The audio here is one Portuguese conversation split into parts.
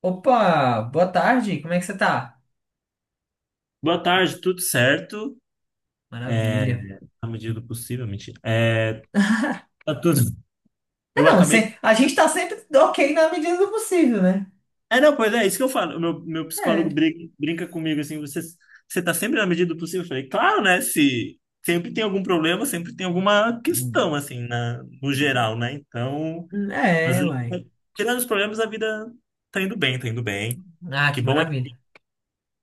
Opa, boa tarde, como é que você tá? Boa tarde, tudo certo? É, Maravilha. Na medida do possível, mentira. Tá tudo. É Eu não, acabei. se- a gente tá sempre ok na medida do possível, né? É, não, Pois é, isso que eu falo. Meu psicólogo É. Brinca comigo assim: você tá sempre na medida do possível? Eu falei, claro, né? Se sempre tem algum problema, sempre tem alguma questão, Hum, assim, no geral, né? Então, mas é, uai. tirando os problemas, a vida tá indo bem, tá indo bem. Ah, Que que bom é maravilha.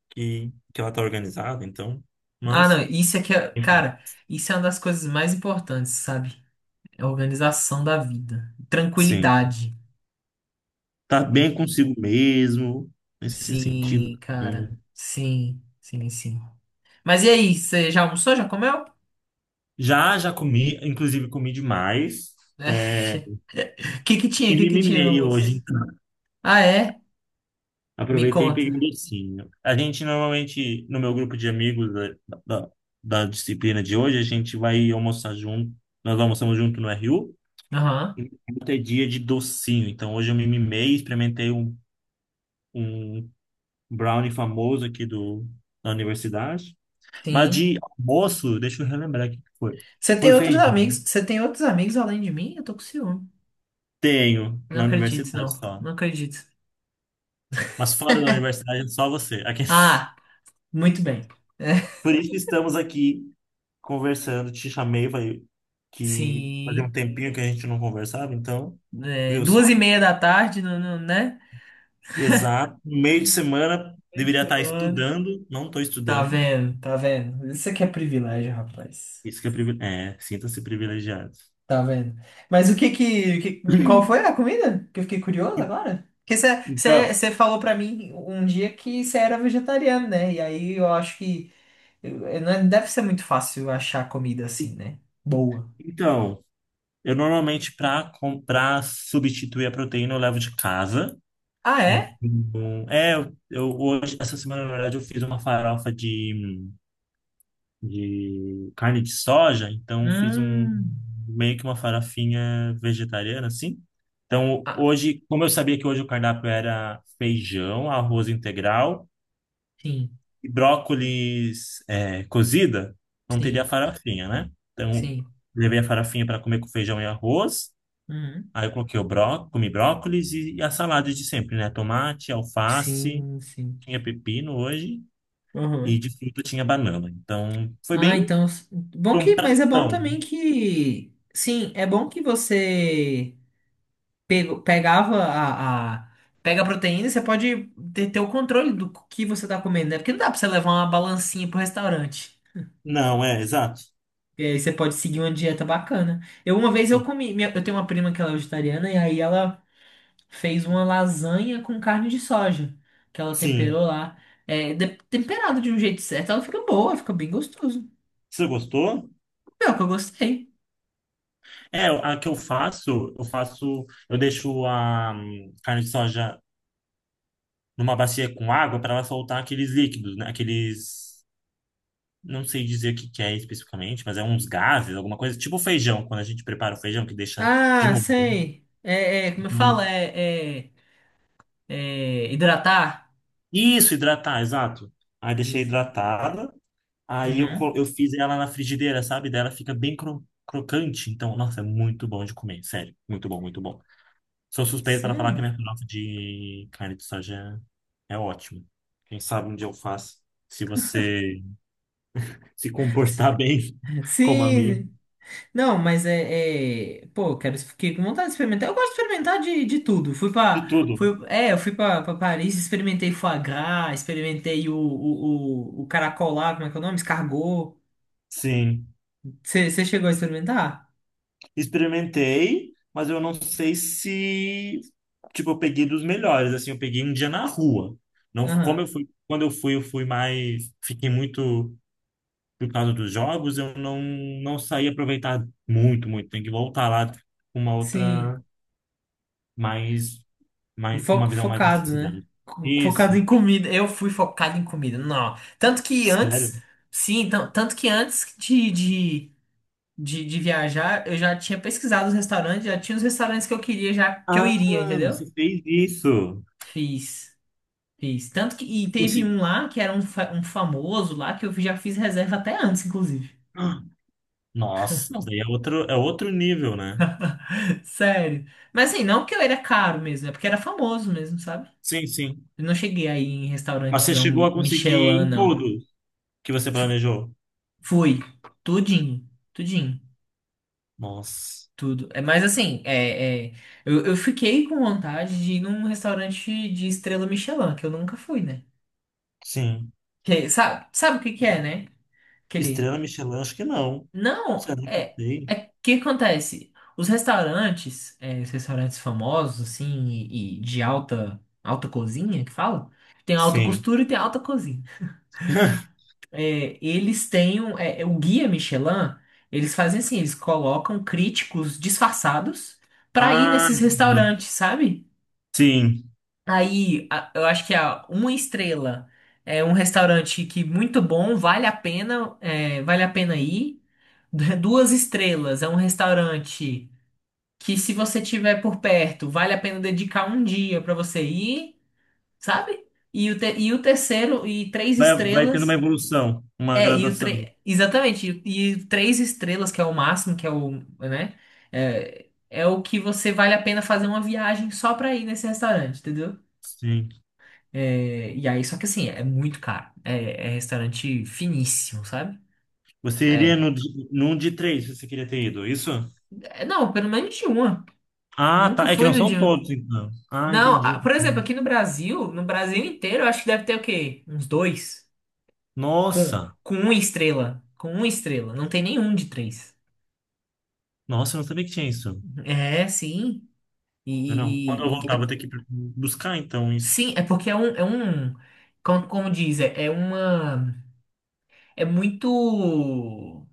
que ela tá organizada, então. Ah, não, Mas, isso aqui é, enfim. cara, isso é uma das coisas mais importantes, sabe? É a organização da vida. Sim. Tranquilidade. Tá bem consigo mesmo, nesse Sim, sentido. cara. Assim. Sim, sim, sim. Mas e aí, você já almoçou? Já comeu? Já, já comi, inclusive comi demais. é, O que que tinha? e O que me que tinha no mimei hoje, almoço? então. Ah, é? Me Aproveitei e conta. peguei um docinho. A gente normalmente, no meu grupo de amigos da, da disciplina de hoje, a gente vai almoçar junto. Nós almoçamos junto no RU. Aham. Ontem é dia de docinho. Então hoje eu me mimei, experimentei um brownie famoso aqui da universidade. Mas Sim. de almoço, deixa eu relembrar o que que foi. Você tem Foi outros amigos? Você tem outros amigos além de mim? Eu tô com ciúme. tenho, Não na acredito, universidade não. só. Não acredito. Mas fora da universidade, é só você. Aqui. Ah, muito bem. Por isso que estamos aqui conversando. Te chamei, falei que fazia um Sim. tempinho que a gente não conversava, então, É, viu só? duas e meia da tarde, não, não, né? Exato. Meio de semana, Três deveria da estar manhã. estudando, não estou Tá estudando. vendo, tá vendo. Isso aqui é privilégio, rapaz. Isso que é privilégio. É, sinta-se privilegiado. Tá vendo? Mas o que que- qual foi a comida? Que eu fiquei curioso En- agora. Porque Então, você falou pra mim um dia que você era vegetariano, né? E aí eu acho que não é- deve ser muito fácil achar comida assim, en- né? Boa. então, eu normalmente, para comprar, substituir a proteína, eu levo de casa. Ah, é? Então, é, eu hoje, essa semana, na verdade, eu fiz uma farofa de carne de soja, então fiz um Hum. meio que uma farofinha vegetariana, assim. Então, Ah, hoje, como eu sabia que hoje o cardápio era feijão, arroz integral sim, e brócolis é, cozida, não teria sim, farofinha, né? Então, sim. levei a farofinha para comer com feijão e arroz. Uhum. Aí eu coloquei o bró, comi brócolis e a salada de sempre, né? Tomate, alface. Sim, sim. Tinha pepino hoje e Uhum. de fruta tinha banana. Então, foi Ah, bem então, bom foi um que, mas é bom pratão. também que, sim, é bom que você pego, pegava pega a proteína e você pode ter, ter o controle do que você tá comendo, né? Porque não dá pra você levar uma balancinha pro restaurante. Não, é, exato. E aí você pode seguir uma dieta bacana. Eu, uma vez eu Sim. comi, minha- eu tenho uma prima que ela é vegetariana e aí ela fez uma lasanha com carne de soja, que ela Sim. temperou lá. É, de- temperado de um jeito certo, ela fica boa, fica bem gostoso. Você gostou? Pior que eu gostei. É, a que eu faço, eu deixo a carne de soja numa bacia com água para ela soltar aqueles líquidos, né? Aqueles, não sei dizer o que que é especificamente, mas é uns gases, alguma coisa, tipo feijão, quando a gente prepara o feijão que deixa de Ah, molho. Né? sei. É, é, como eu falo, Então, é hidratar? isso, hidratar, exato. Aí Sim, deixei sim. hidratada. Uhum. Eu fiz ela na frigideira, sabe? Daí ela fica bem crocante. Então, nossa, é muito bom de comer, sério. Muito bom, muito bom. Sou suspeito para falar que Sério? minha farofa de carne de soja é ótima. Quem sabe um dia eu faço. Se você se comportar Sim, bem como a amigo. sim. Não, mas Pô, eu quero. Fiquei com vontade de experimentar. Eu gosto de experimentar de tudo. Fui De pra. tudo. Fui, é, eu fui pra, pra Paris, experimentei foie gras, experimentei o caracol lá, como é que é o nome? Escargot. Sim. Você chegou a experimentar? Experimentei, mas eu não sei se... Tipo, eu peguei dos melhores, assim. Eu peguei um dia na rua. Não, como eu Aham. fui... Quando eu fui mais... Fiquei muito por causa dos jogos, eu não, não saí aproveitado muito, muito. Tem que voltar lá com uma Sim. outra mais, O mais com uma fo- visão mais da focado, né? cidade. Co- Focado Isso, em comida. Eu fui focado em comida. Não. Tanto que sério? antes. Sim, então tanto que antes de viajar, eu já tinha pesquisado os restaurantes, já tinha os restaurantes que eu queria, já que eu Ah, iria, entendeu? você fez isso. Fiz, fiz. Tanto que. E teve Consegui. um lá que era um, fa- um famoso lá que eu já fiz reserva até antes, inclusive. Ah, nossa, daí é outro nível, né? Sério. Mas assim, não porque eu era caro mesmo, é porque era famoso mesmo, sabe? Sim, sim. Eu não cheguei aí em Mas você restaurantezão chegou a conseguir Michelin, em não. tudo que você planejou? Fui. Tudinho. Tudinho. Nossa, Tudo. É, mas assim, eu fiquei com vontade de ir num restaurante de estrela Michelin, que eu nunca fui, né? sim. Que, é, sabe, sabe o que que é, né? Aquele Estrela Michelin, acho que não. Não, Será que eu é, sei? é que acontece? Os restaurantes, é, os restaurantes famosos, assim, e de alta cozinha, que fala? Tem alta Sim. costura e tem alta cozinha. É, eles têm, um- é, é, o guia Michelin, eles fazem assim, eles colocam críticos disfarçados pra ir Ah, nesses entendi. restaurantes, sabe? Sim. Aí, a- eu acho que a uma estrela é um restaurante que muito bom, vale a pena, é, vale a pena ir duas estrelas, é um restaurante que se você tiver por perto, vale a pena dedicar um dia para você ir, sabe? E o, te- e o terceiro, e três Vai, vai tendo uma estrelas, evolução, uma é, e o gradação. tre- exatamente, e três estrelas, que é o máximo, que é o, né? É, é o que você vale a pena fazer uma viagem só para ir nesse restaurante, entendeu? Sim. É, e aí, só que assim, é muito caro. É, é restaurante finíssimo, sabe? Você iria É, no, de- num de três, se você queria ter ido, é isso? é, não, pelo menos de uma. Ah, Nunca tá. É que fui não no são dia. todos, então. Ah, Não, ah, entendi. por exemplo, aqui no Brasil, no Brasil inteiro, eu acho que deve ter o quê? Uns dois. Com, Nossa, com uma estrela. Com uma estrela. Não tem nenhum de três. nossa, eu não sabia que tinha isso. É, sim. E, Eu não. Quando eu e- voltar, é- vou ter que buscar, então, isso. sim, é porque é um, como, como diz, é, é uma, é muito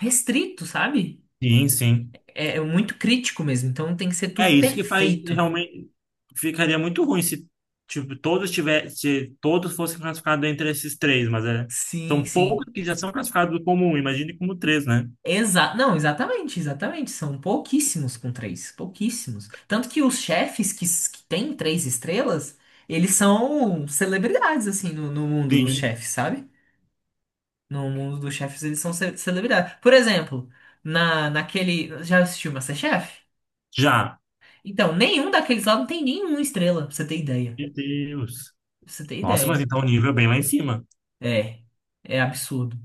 restrito, sabe? Sim, sim. É, é muito crítico mesmo. Então tem que ser É tudo isso que faz perfeito. realmente. Ficaria muito ruim se, tipo, se todos fossem classificados entre esses três, mas é. Sim, São poucos sim. que já são classificados como um, imagine como três, né? Exa não, exatamente, exatamente. São pouquíssimos com três, pouquíssimos. Tanto que os chefes que, s- que têm três estrelas, eles são celebridades, assim, no mundo dos Sim, chefes, sabe? No mundo dos chefes, eles são ce- celebridades. Por exemplo, naquele. Já assistiu MasterChef? já. Então, nenhum daqueles lá não tem nenhuma estrela, pra você ter ideia. Meu Deus. Pra você ter Nossa, mas ideia. então o nível é bem lá em cima. É. É absurdo.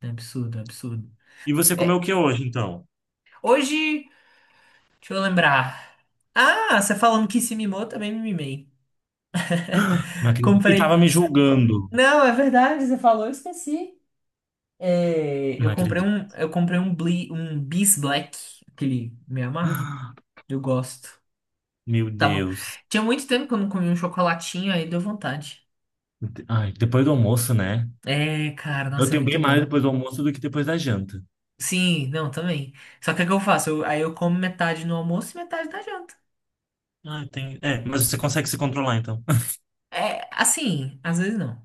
É absurdo, é absurdo. E você comeu o É. que hoje, então? Hoje, deixa eu lembrar. Ah, você falando que se mimou, também me mimei. Não acredito. E tava Comprei. me julgando. Não, é verdade, você falou, eu esqueci. É, Não acredito. Eu comprei um Bli, um Bis Black, aquele meio amargo. Eu gosto. Meu Tava, Deus. tinha muito tempo que eu não comia um chocolatinho, aí deu vontade. Ai, depois do almoço, né? É, cara, Eu nossa, é tenho bem muito mais bom. depois do almoço do que depois da janta. Sim, não, também. Só que o que eu faço? Eu- aí eu como metade no almoço e metade na janta. Ah, tem... É, mas você consegue se controlar, então. É, assim, às vezes não.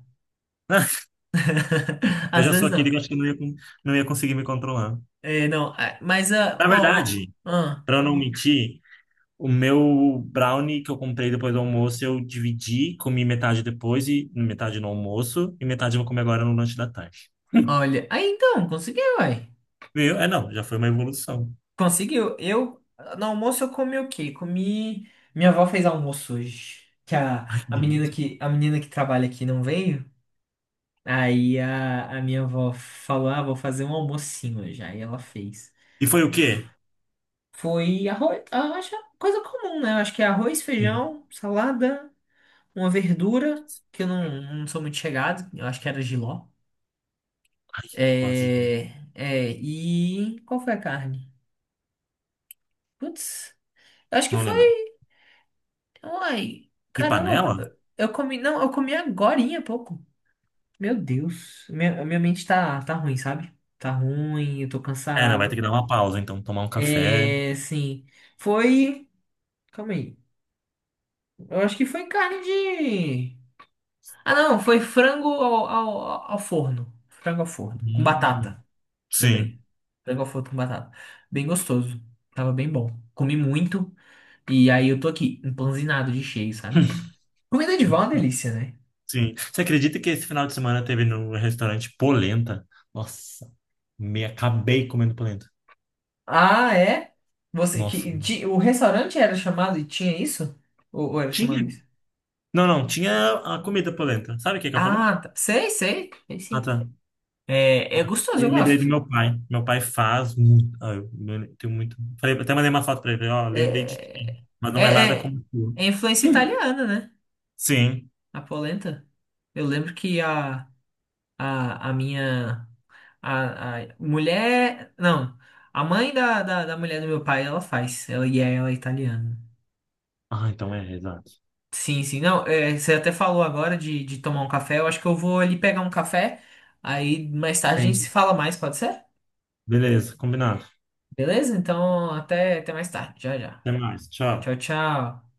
Eu Às já sou vezes não. aquele que eu acho que não ia conseguir me controlar. É, não, ah, mas, ah, Na ó, verdade, ó, ah, pra eu não mentir, o meu brownie que eu comprei depois do almoço, eu dividi, comi metade depois e metade no almoço, e metade eu vou comer agora no lanche da tarde. olha. Aí então, conseguiu, uai. Veio, é, não, já foi uma evolução. Conseguiu. Eu, no almoço, eu comi o quê? Comi. Minha avó fez almoço hoje. Que Ai, que a menina delícia. que, a menina que trabalha aqui não veio. Aí a minha avó falou: Ah, vou fazer um almocinho hoje. Aí ela fez. E foi o quê? Foi arroz. Ah, acho que é coisa comum, né? Eu acho que é arroz, Sim. feijão, salada, uma verdura, que eu não, não sou muito chegado. Eu acho que era jiló. Ai, gosto de- É, é, e qual foi a carne? Putz. Eu acho que não lembro. foi. Uai, De caramba, panela? eu comi, não, eu comi agorinha há pouco. Meu Deus, minha mente tá, tá ruim, sabe? Tá ruim, eu tô É, não, vai ter cansado. que dar uma pausa, então, tomar um café. É, sim, foi, calma aí, eu acho que foi carne de... Ah, não, foi frango ao forno, frango ao forno, com Hum, batata, sim, lembrei. Frango ao forno com batata, bem gostoso, tava bem bom. Comi muito e aí eu tô aqui, empanzinado de cheio, sabe? Comida de vó é uma delícia, né? sim. Você acredita que esse final de semana teve no restaurante polenta? Nossa, me acabei comendo polenta. Ah, é? Você Nossa. que de- o restaurante era chamado e tinha isso? Ou era Tinha? chamado isso? Não, não, tinha a comida polenta. Sabe o que que é polenta? Ah, tá. Sei, sei. Sei Ah, sim. tá. É, é E gostoso, eu eu lembrei do gosto. meu pai. Meu pai faz muito. Ah, eu tenho muito. Falei, até mandei uma foto pra ele. Falei, ó, lembrei de ti, É, mas é, não é nada é, como tu. é influência italiana, né? Sim. A polenta. Eu lembro que a, a minha a mulher, não, a mãe da mulher do meu pai, ela faz. Ela e ela é italiana. Ah, então é, exato. Sim, sim. Não, é, você até falou agora de tomar um café. Eu acho que eu vou ali pegar um café. Aí mais tarde a gente se Sim. fala mais, pode ser? Beleza, combinado. Beleza? Então, até, até mais tarde. Já, já. Até mais. Tchau, Tchau. tchau.